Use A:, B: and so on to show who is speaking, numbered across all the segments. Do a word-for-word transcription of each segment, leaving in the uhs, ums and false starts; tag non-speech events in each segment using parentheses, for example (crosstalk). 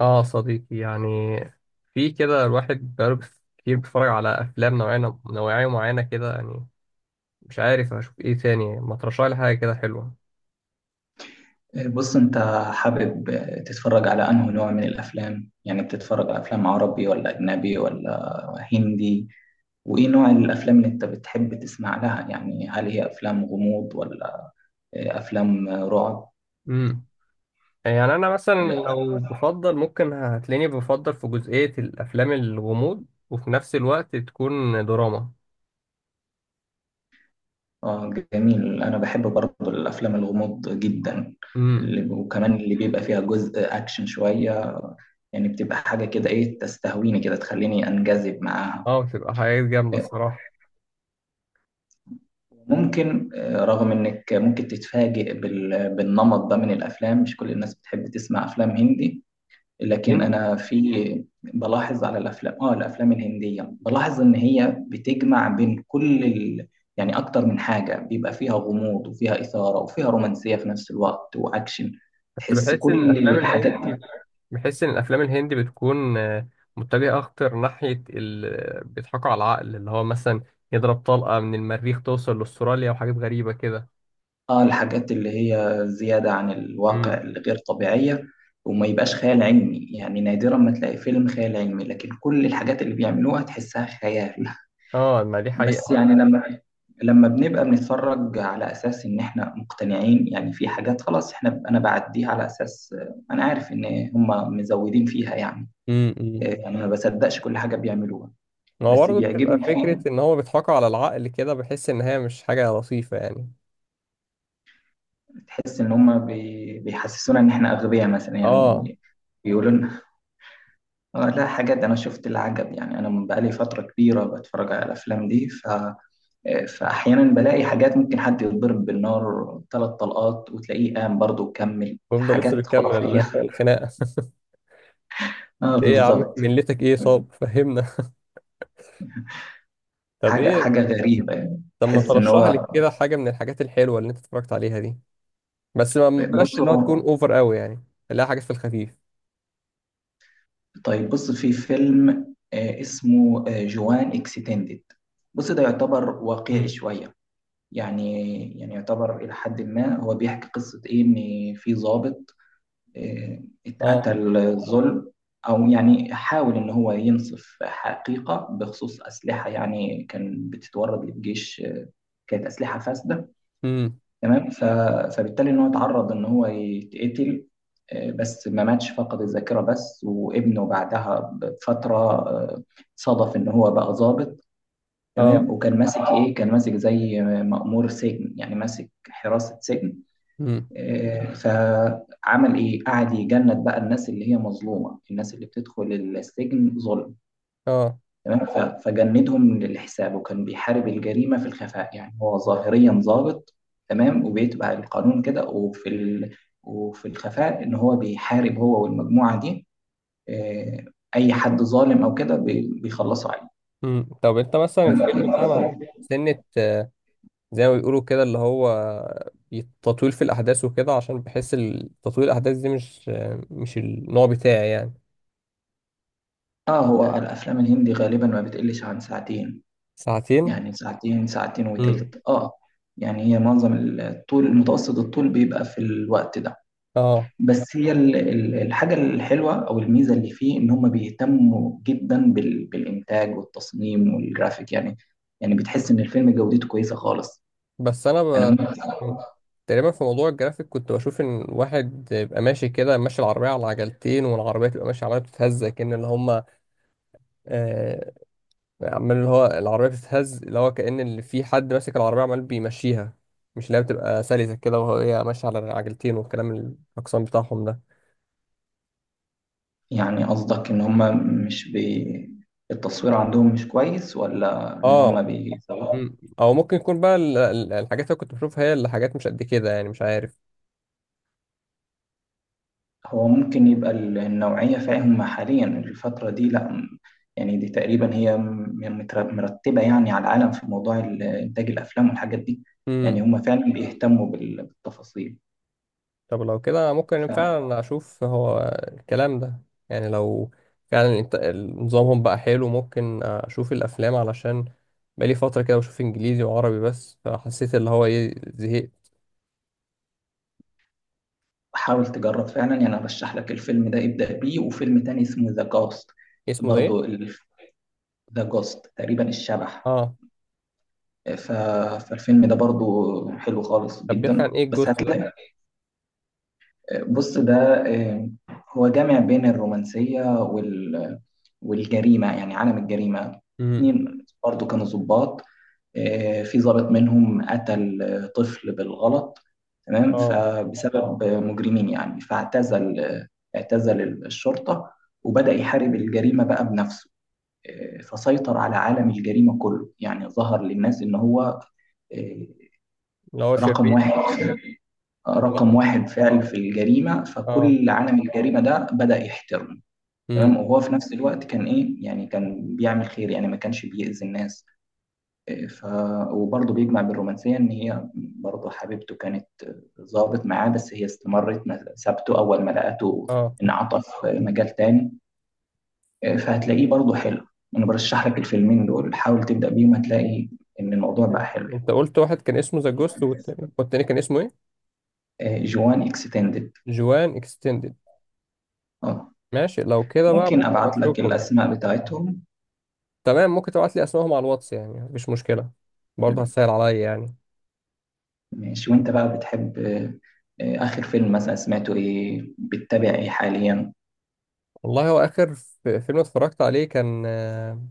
A: اه، صديقي يعني. في كده الواحد بقاله بس- كتير بيتفرج على افلام نوعية، نوعية معينة كده يعني. مش عارف اشوف ايه تاني، ما ترشح لي حاجة كده حلوة؟
B: بص انت حابب تتفرج على انه نوع من الافلام؟ يعني بتتفرج على افلام عربي ولا اجنبي ولا هندي؟ وايه نوع الافلام اللي انت بتحب تسمع لها؟ يعني هل هي افلام غموض ولا افلام رعب
A: امم. يعني انا مثلا.
B: ولا؟
A: لو بفضل ممكن هتلاقيني بفضل في جزئية الافلام الغموض، وفي نفس الوقت تكون دراما.
B: اه جميل، انا بحب برضه الافلام الغموض جدا،
A: امم.
B: اللي- وكمان اللي بيبقى فيها جزء اكشن شوية، يعني بتبقى حاجة كده ايه تستهويني كده تخليني انجذب معاها.
A: اه، بتبقى حاجات جامدة الصراحة.
B: ممكن آه، رغم انك ممكن تتفاجئ بال- بالنمط ده من الافلام، مش كل الناس بتحب تسمع افلام هندي، لكن
A: هندي.
B: انا في بلاحظ على الافلام اه الافلام الهندية، بلاحظ ان هي بتجمع بين كل ال... يعني اكتر من حاجة، بيبقى فيها غموض وفيها اثارة وفيها رومانسية في نفس الوقت واكشن،
A: بس
B: تحس
A: بحس ان
B: كل
A: الافلام
B: الحاجات.
A: الهندي بحس ان الافلام الهندي بتكون آه، متجهه اكتر ناحيه ال... بيضحكوا على العقل، اللي هو مثلا يضرب طلقه من المريخ توصل لاستراليا وحاجات غريبه كده.
B: اه الحاجات اللي هي زيادة عن الواقع
A: امم.
B: الغير طبيعية، وما يبقاش خيال علمي، يعني نادرا ما تلاقي فيلم خيال علمي لكن كل الحاجات اللي بيعملوها تحسها خيال.
A: اه، ما دي
B: (laughs)
A: حقيقه.
B: بس يعني لما لما بنبقى بنتفرج على أساس إن إحنا مقتنعين، يعني في حاجات خلاص إحنا أنا بعديها على أساس، آه، أنا عارف إن هما مزودين فيها يعني.
A: امم.
B: آه، يعني ما بصدقش كل حاجة بيعملوها.
A: هو
B: بس
A: برضه بتبقى
B: بيعجبني
A: فكره
B: فيهم،
A: ان هو بيضحكوا على العقل كده، بحس ان هي مش حاجه لطيفه يعني.
B: تحس إن هما بي- بيحسسونا إن إحنا أغبياء مثلا يعني،
A: اه،
B: بيقولوا لنا. آه لا، حاجات أنا شفت العجب يعني، أنا من بقالي فترة كبيرة بتفرج على الأفلام دي ف... آه، فأحيانا بلاقي حاجات، ممكن حد يتضرب بالنار ثلاث طلقات وتلاقيه قام برضه وكمل
A: ويفضل لسه
B: حاجات
A: بيكمل
B: خرافية.
A: ال-
B: (laughs)
A: الخناقه (laughs)
B: اه
A: ايه يا عم،
B: بالظبط.
A: ملتك ايه؟ صاب فهمنا. طب
B: حاجة
A: ايه؟
B: حاجة غريبة يعني
A: طب ما
B: تحس إن
A: ترشح لي
B: هو.
A: كده حاجه من الحاجات الحلوه اللي انت اتفرجت عليها دي؟ بس ما ما بلاش
B: بص
A: اللي هو تكون
B: هو،
A: اوفر قوي، يعني خليها حاجات في الخفيف.
B: طيب بص في فيلم آه، اسمه آه، جوان اكستندد. بص ده يعتبر واقعي
A: مم.
B: شوية، يعني يعني يعتبر إلى حد ما، هو بيحكي قصة إيه، إن في ضابط آه،
A: اه.
B: اتقتل ظلم، أو يعني حاول إن هو ينصف حقيقة بخصوص أسلحة يعني كان بتتورد للجيش آه، كانت أسلحة فاسدة.
A: امم.
B: تمام، ف- فبالتالي إن هو اتعرض إن هو يتقتل، آه، بس ما ماتش، فقد الذاكرة بس، وابنه بعدها بفترة آه، صادف إن هو بقى ضابط.
A: اه.
B: تمام، وكان ماسك إيه، كان ماسك زي مأمور سجن يعني ماسك حراسة سجن.
A: امم.
B: آه، فعمل ايه، قعد يجند بقى الناس اللي هي مظلومه، الناس اللي بتدخل السجن ظلم.
A: اه.
B: تمام، ف- فجندهم للحساب وكان بيحارب الجريمه في الخفاء، يعني هو ظاهريا ضابط تمام وبيتبع القانون كده، وفي ال... وفي الخفاء ان هو بيحارب، هو والمجموعه دي، آه، اي حد ظالم او كده بي- بيخلصوا عليه.
A: امم. طب انت مثلا الفيلم ده
B: تمام؟
A: ما فيهوش سنة، آه، زي ما بيقولوا كده اللي هو تطويل في الاحداث وكده، عشان بحس ال- تطويل الاحداث دي مش آه، مش النوع بتاعي يعني.
B: اه هو الافلام الهندي غالبا ما بتقلش عن ساعتين،
A: ساعتين.
B: يعني ساعتين ساعتين
A: امم.
B: وتلت اه، يعني هي معظم الطول، متوسط الطول بيبقى في الوقت ده.
A: اه.
B: بس هي ال- ال- الحاجة الحلوة أو الميزة اللي فيه، إن هم بيهتموا جدا بال- بالإنتاج والتصميم والجرافيك يعني، يعني بتحس إن الفيلم جودته كويسة خالص.
A: بس انا
B: أنا
A: ب...
B: ممكن،
A: تقريبا في موضوع الجرافيك كنت بشوف ان واحد يبقى ماشي كده، ماشي العربية على عجلتين، والعربية تبقى ماشية عمالة بتتهز كأن اللي هما عمال، اللي هو العربية بتتهز اللي هو كأن اللي في حد ماسك العربية عمال بيمشيها، مش اللي هي بتبقى سلسة كده وهي ماشية على عجلتين، والكلام الأقسام بتاعهم ده.
B: يعني قصدك إن هم مش بي التصوير عندهم مش كويس، ولا إن هم
A: اه.
B: بي.
A: مم. أو ممكن يكون بقى ال- ال- الحاجات اللي كنت بشوفها هي اللي حاجات مش قد كده يعني، مش عارف.
B: هو ممكن يبقى ال- النوعية، فاهم، حاليا الفترة دي لا م- يعني دي تقريبا هي م- متر- مرتبة يعني على العالم في موضوع ال- إنتاج الأفلام والحاجات دي. يعني
A: مم.
B: هم فعلا بيهتموا بال- بالتفاصيل.
A: طب لو كده ممكن فعلا أشوف هو الكلام ده. يعني لو فعلا الإنت- نظامهم بقى حلو، ممكن أشوف الأفلام، علشان بقالي فترة كده بشوف إنجليزي وعربي بس، فحسيت اللي هو إيه، زهقت.
B: فحاول تجرب فعلا يعني، أنا برشح لك الفيلم ده ابدأ بيه، وفيلم تاني اسمه ذا جوست.
A: اسمه ده إيه؟
B: برضو ذا جوست، تقريبا الشبح.
A: اه.
B: ف- فالفيلم ده برضو حلو خالص
A: طب بيحكي عن
B: جدا
A: ايه
B: بس
A: الجوست ده؟
B: هتلاقي. بص ده، آه، هو جامع بين الرومانسية وال، والجريمة يعني عالم الجريمة.
A: امم.
B: اتنين برضو كانوا ضباط، آه، في ضابط منهم قتل آه، طفل بالغلط. تمام
A: اه.
B: فبسبب آه، مجرمين، يعني فاعتزل آه، اعتزل الشرطة، وبدأ يحارب الجريمة بقى بنفسه. آه، فسيطر على عالم الجريمة كله، يعني ظهر للناس إن هو آه،
A: اللي هو
B: رقم
A: شرير
B: واحد،
A: ولا.
B: رقم واحد فعل في الجريمة،
A: اه.
B: فكل عالم الجريمة ده بدأ يحترمه. تمام،
A: امم.
B: وهو في نفس الوقت كان إيه، يعني كان بيعمل خير يعني ما كانش بيأذي الناس. إيه، ف وبرضه بيجمع بالرومانسية إن هي برضه حبيبته كانت ظابط معاه، بس هي استمرت ما سابته أول ما لقته،
A: اه.
B: انعطف مجال تاني. إيه، فهتلاقيه برضه حلو. أنا برشح لك الفيلمين دول، حاول تبدأ بيهم، هتلاقي إن الموضوع
A: انت
B: بقى حلو يعني.
A: انت قلت واحد كان اسمه ذا جوست، والتاني والتاني كان اسمه ايه؟
B: إيه، جوان اكستندد.
A: جوان اكستندد.
B: اه،
A: ماشي، لو كده بقى
B: ممكن
A: ممكن
B: ابعت لك
A: اشوفهم يعني.
B: الاسماء بتاعتهم.
A: تمام، ممكن تبعت لي اسمائهم على الواتس، يعني مفيش مشكلة، برضه هتسهل عليا يعني.
B: ماشي، وانت بقى بتحب آه، آه، اخر فيلم مثلا سمعته ايه، بتتابع ايه حاليا؟
A: والله، هو اخر ف- فيلم اتفرجت عليه كان، آه،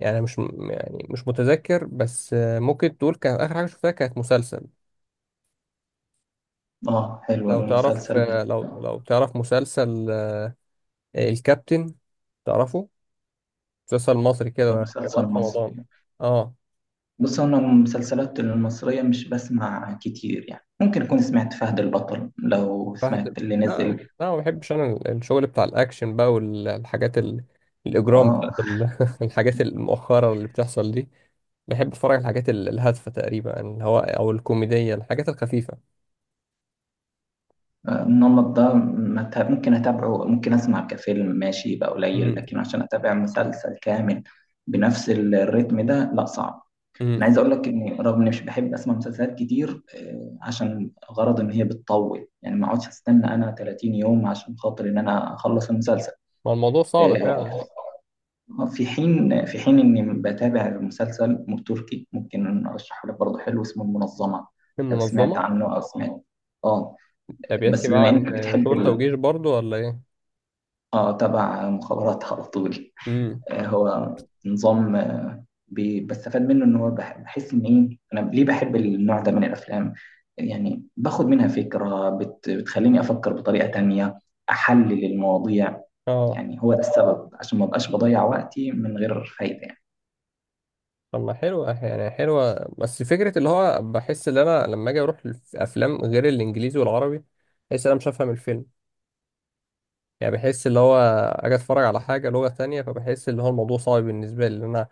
A: يعني مش م- يعني مش متذكر، بس آه، ممكن تقول كان اخر حاجة شفتها كانت مسلسل.
B: اه حلو
A: لو تعرف
B: المسلسل
A: آه،
B: بت...
A: لو
B: آه،
A: لو تعرف مسلسل الكابتن؟ تعرفه؟ مسلسل مصري
B: ده
A: كده كان
B: مسلسل
A: وقت
B: مصري؟
A: رمضان. اه.
B: بص انا المسلسلات المصرية مش بسمع كتير يعني، ممكن اكون سمعت فهد البطل لو
A: فهد.
B: سمعت اللي
A: لا. لا،
B: نزل.
A: ما بحبش انا ال- الشغل بتاع الاكشن بقى، والحاجات ال... الاجرام
B: اه
A: بتاعت ال... (laughs) الحاجات المؤخره اللي بتحصل دي. بحب اتفرج على الحاجات ال- الهادفه تقريبا، اللي هو او الكوميديه، الحاجات الخفيفه.
B: آه، النمط ده ما ت- ممكن اتابعه، ممكن اسمع كفيلم ماشي يبقى قليل،
A: امم.
B: لكن عشان اتابع مسلسل كامل بنفس الريتم ده لا صعب.
A: امم.
B: انا عايز اقول لك اني رغم اني مش بحب اسمع مسلسلات كتير آه، عشان غرض ان هي بتطول، يعني ما اقعدش استنى انا ثلاثين يوم عشان خاطر ان انا اخلص المسلسل.
A: ما الموضوع صعب
B: آه،
A: فعلا.
B: في حين في حين اني بتابع مسلسل تركي ممكن ارشحه لك برضه، حلو اسمه المنظمة،
A: في
B: لو سمعت
A: منظمه؟
B: عنه او سمعت. اه
A: ده بيحكي
B: بس
A: بقى
B: بما
A: عن
B: انك بتحب
A: شرطه
B: ال...
A: وجيش برضو ولا ايه؟
B: اه تبع مخابرات على طول.
A: امم.
B: آه، هو نظام بي- بستفاد منه، ان هو بح- بحس ان ايه انا ليه بحب النوع ده من الافلام، يعني باخد منها فكرة بت بتخليني افكر بطريقة تانية، احلل المواضيع.
A: اه.
B: يعني هو ده السبب عشان ما بقاش بضيع وقتي من غير فايدة يعني.
A: طب ما حلوة، يعني حلوة بس فكرة اللي هو بحس ان انا لما اجي اروح الافلام غير الانجليزي والعربي، بحس ان انا مش هفهم الفيلم. يعني بحس اللي هو اجي اتفرج على حاجة لغة تانية، فبحس اللي هو الموضوع صعب بالنسبة لي ان انا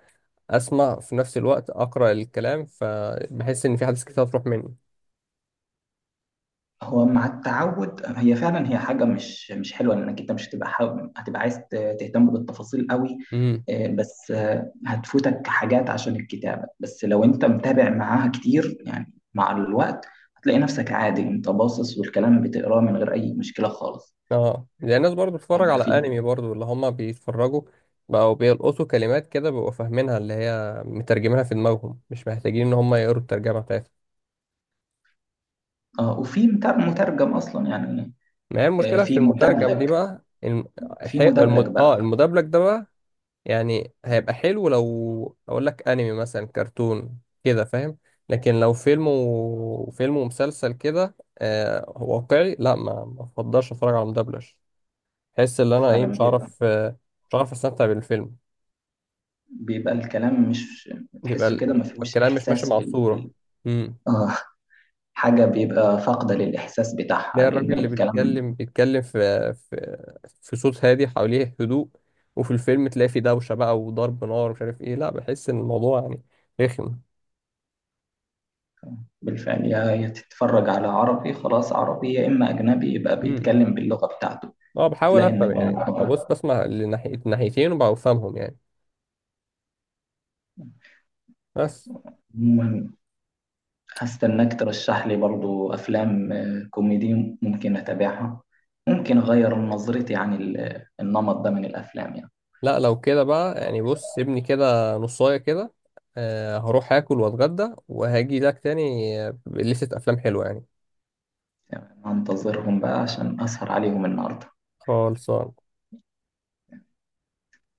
A: اسمع في نفس الوقت اقرأ الكلام، فبحس ان في حاجات كتير هتروح مني.
B: هو مع التعود، هي فعلا هي حاجه مش مش حلوه، لانك انت مش هتبقى حابب، هتبقى عايز ت- تهتم بالتفاصيل قوي.
A: امم.
B: آه، بس آه، هتفوتك حاجات عشان الكتابه، بس لو انت متابع معاها كتير يعني مع الوقت هتلاقي نفسك عادي، انت باصص والكلام بتقراه من غير اي مشكله خالص.
A: اه، زي الناس برضو بتتفرج
B: يعني
A: على
B: في
A: انمي برضو، اللي هما بيتفرجوا بقوا بيلقطوا كلمات كده، بيبقوا فاهمينها اللي هي مترجمينها في دماغهم، مش محتاجين ان هما يقروا الترجمة بتاعتها.
B: اه، وفي متر- مترجم اصلا يعني.
A: ما هي
B: آه،
A: المشكلة في
B: في
A: المترجم دي
B: مدبلج،
A: بقى الم...
B: في
A: حي...
B: مدبلج
A: الم... اه،
B: بقى
A: المدبلج ده بقى. يعني هيبقى حلو لو اقول لك انمي مثلا، كرتون كده فاهم. لكن لو فيلم وفيلم ومسلسل كده، آه واقعي، لا، ما ما افضلش اتفرج على مدبلج. احس ان انا ايه،
B: فعلا
A: مش
B: بيبقى،
A: عارف، آه مش عارف استمتع بالفيلم.
B: بيبقى الكلام مش
A: يبقى
B: تحسه كده ما
A: ال-
B: فيهوش
A: الكلام مش ماشي
B: احساس
A: مع
B: بال
A: الصورة.
B: بال- اه حاجة بيبقى فاقدة للإحساس بتاعها
A: ده الراجل
B: لأن
A: اللي
B: الكلام.
A: بيتكلم بيتكلم في في في صوت هادي حواليه هدوء، وفي الفيلم تلاقي فيه دوشة بقى وضرب نار ومش عارف ايه. لا، بحس ان الموضوع يعني رخم.
B: بالفعل، يا يا تتفرج على عربي خلاص عربي، يا إما أجنبي يبقى
A: امم.
B: بيتكلم باللغة بتاعته.
A: اه، بحاول
B: هتلاقي إن،
A: افهم يعني، ببص بسمع لناحية ناحيتين وبفهمهم يعني. بس.
B: عموماً هستناك ترشح لي برضو أفلام آه، كوميدي ممكن أتابعها، ممكن أغير نظرتي عن ال- النمط ده من الأفلام يعني.
A: لا، لو كده بقى يعني، بص سيبني كده نصاية كده، آه هروح اكل واتغدى وهاجي لك تاني، آه، بلستة افلام حلوة يعني.
B: هنتظرهم بقى عشان أسهر عليهم النهاردة.
A: خالص.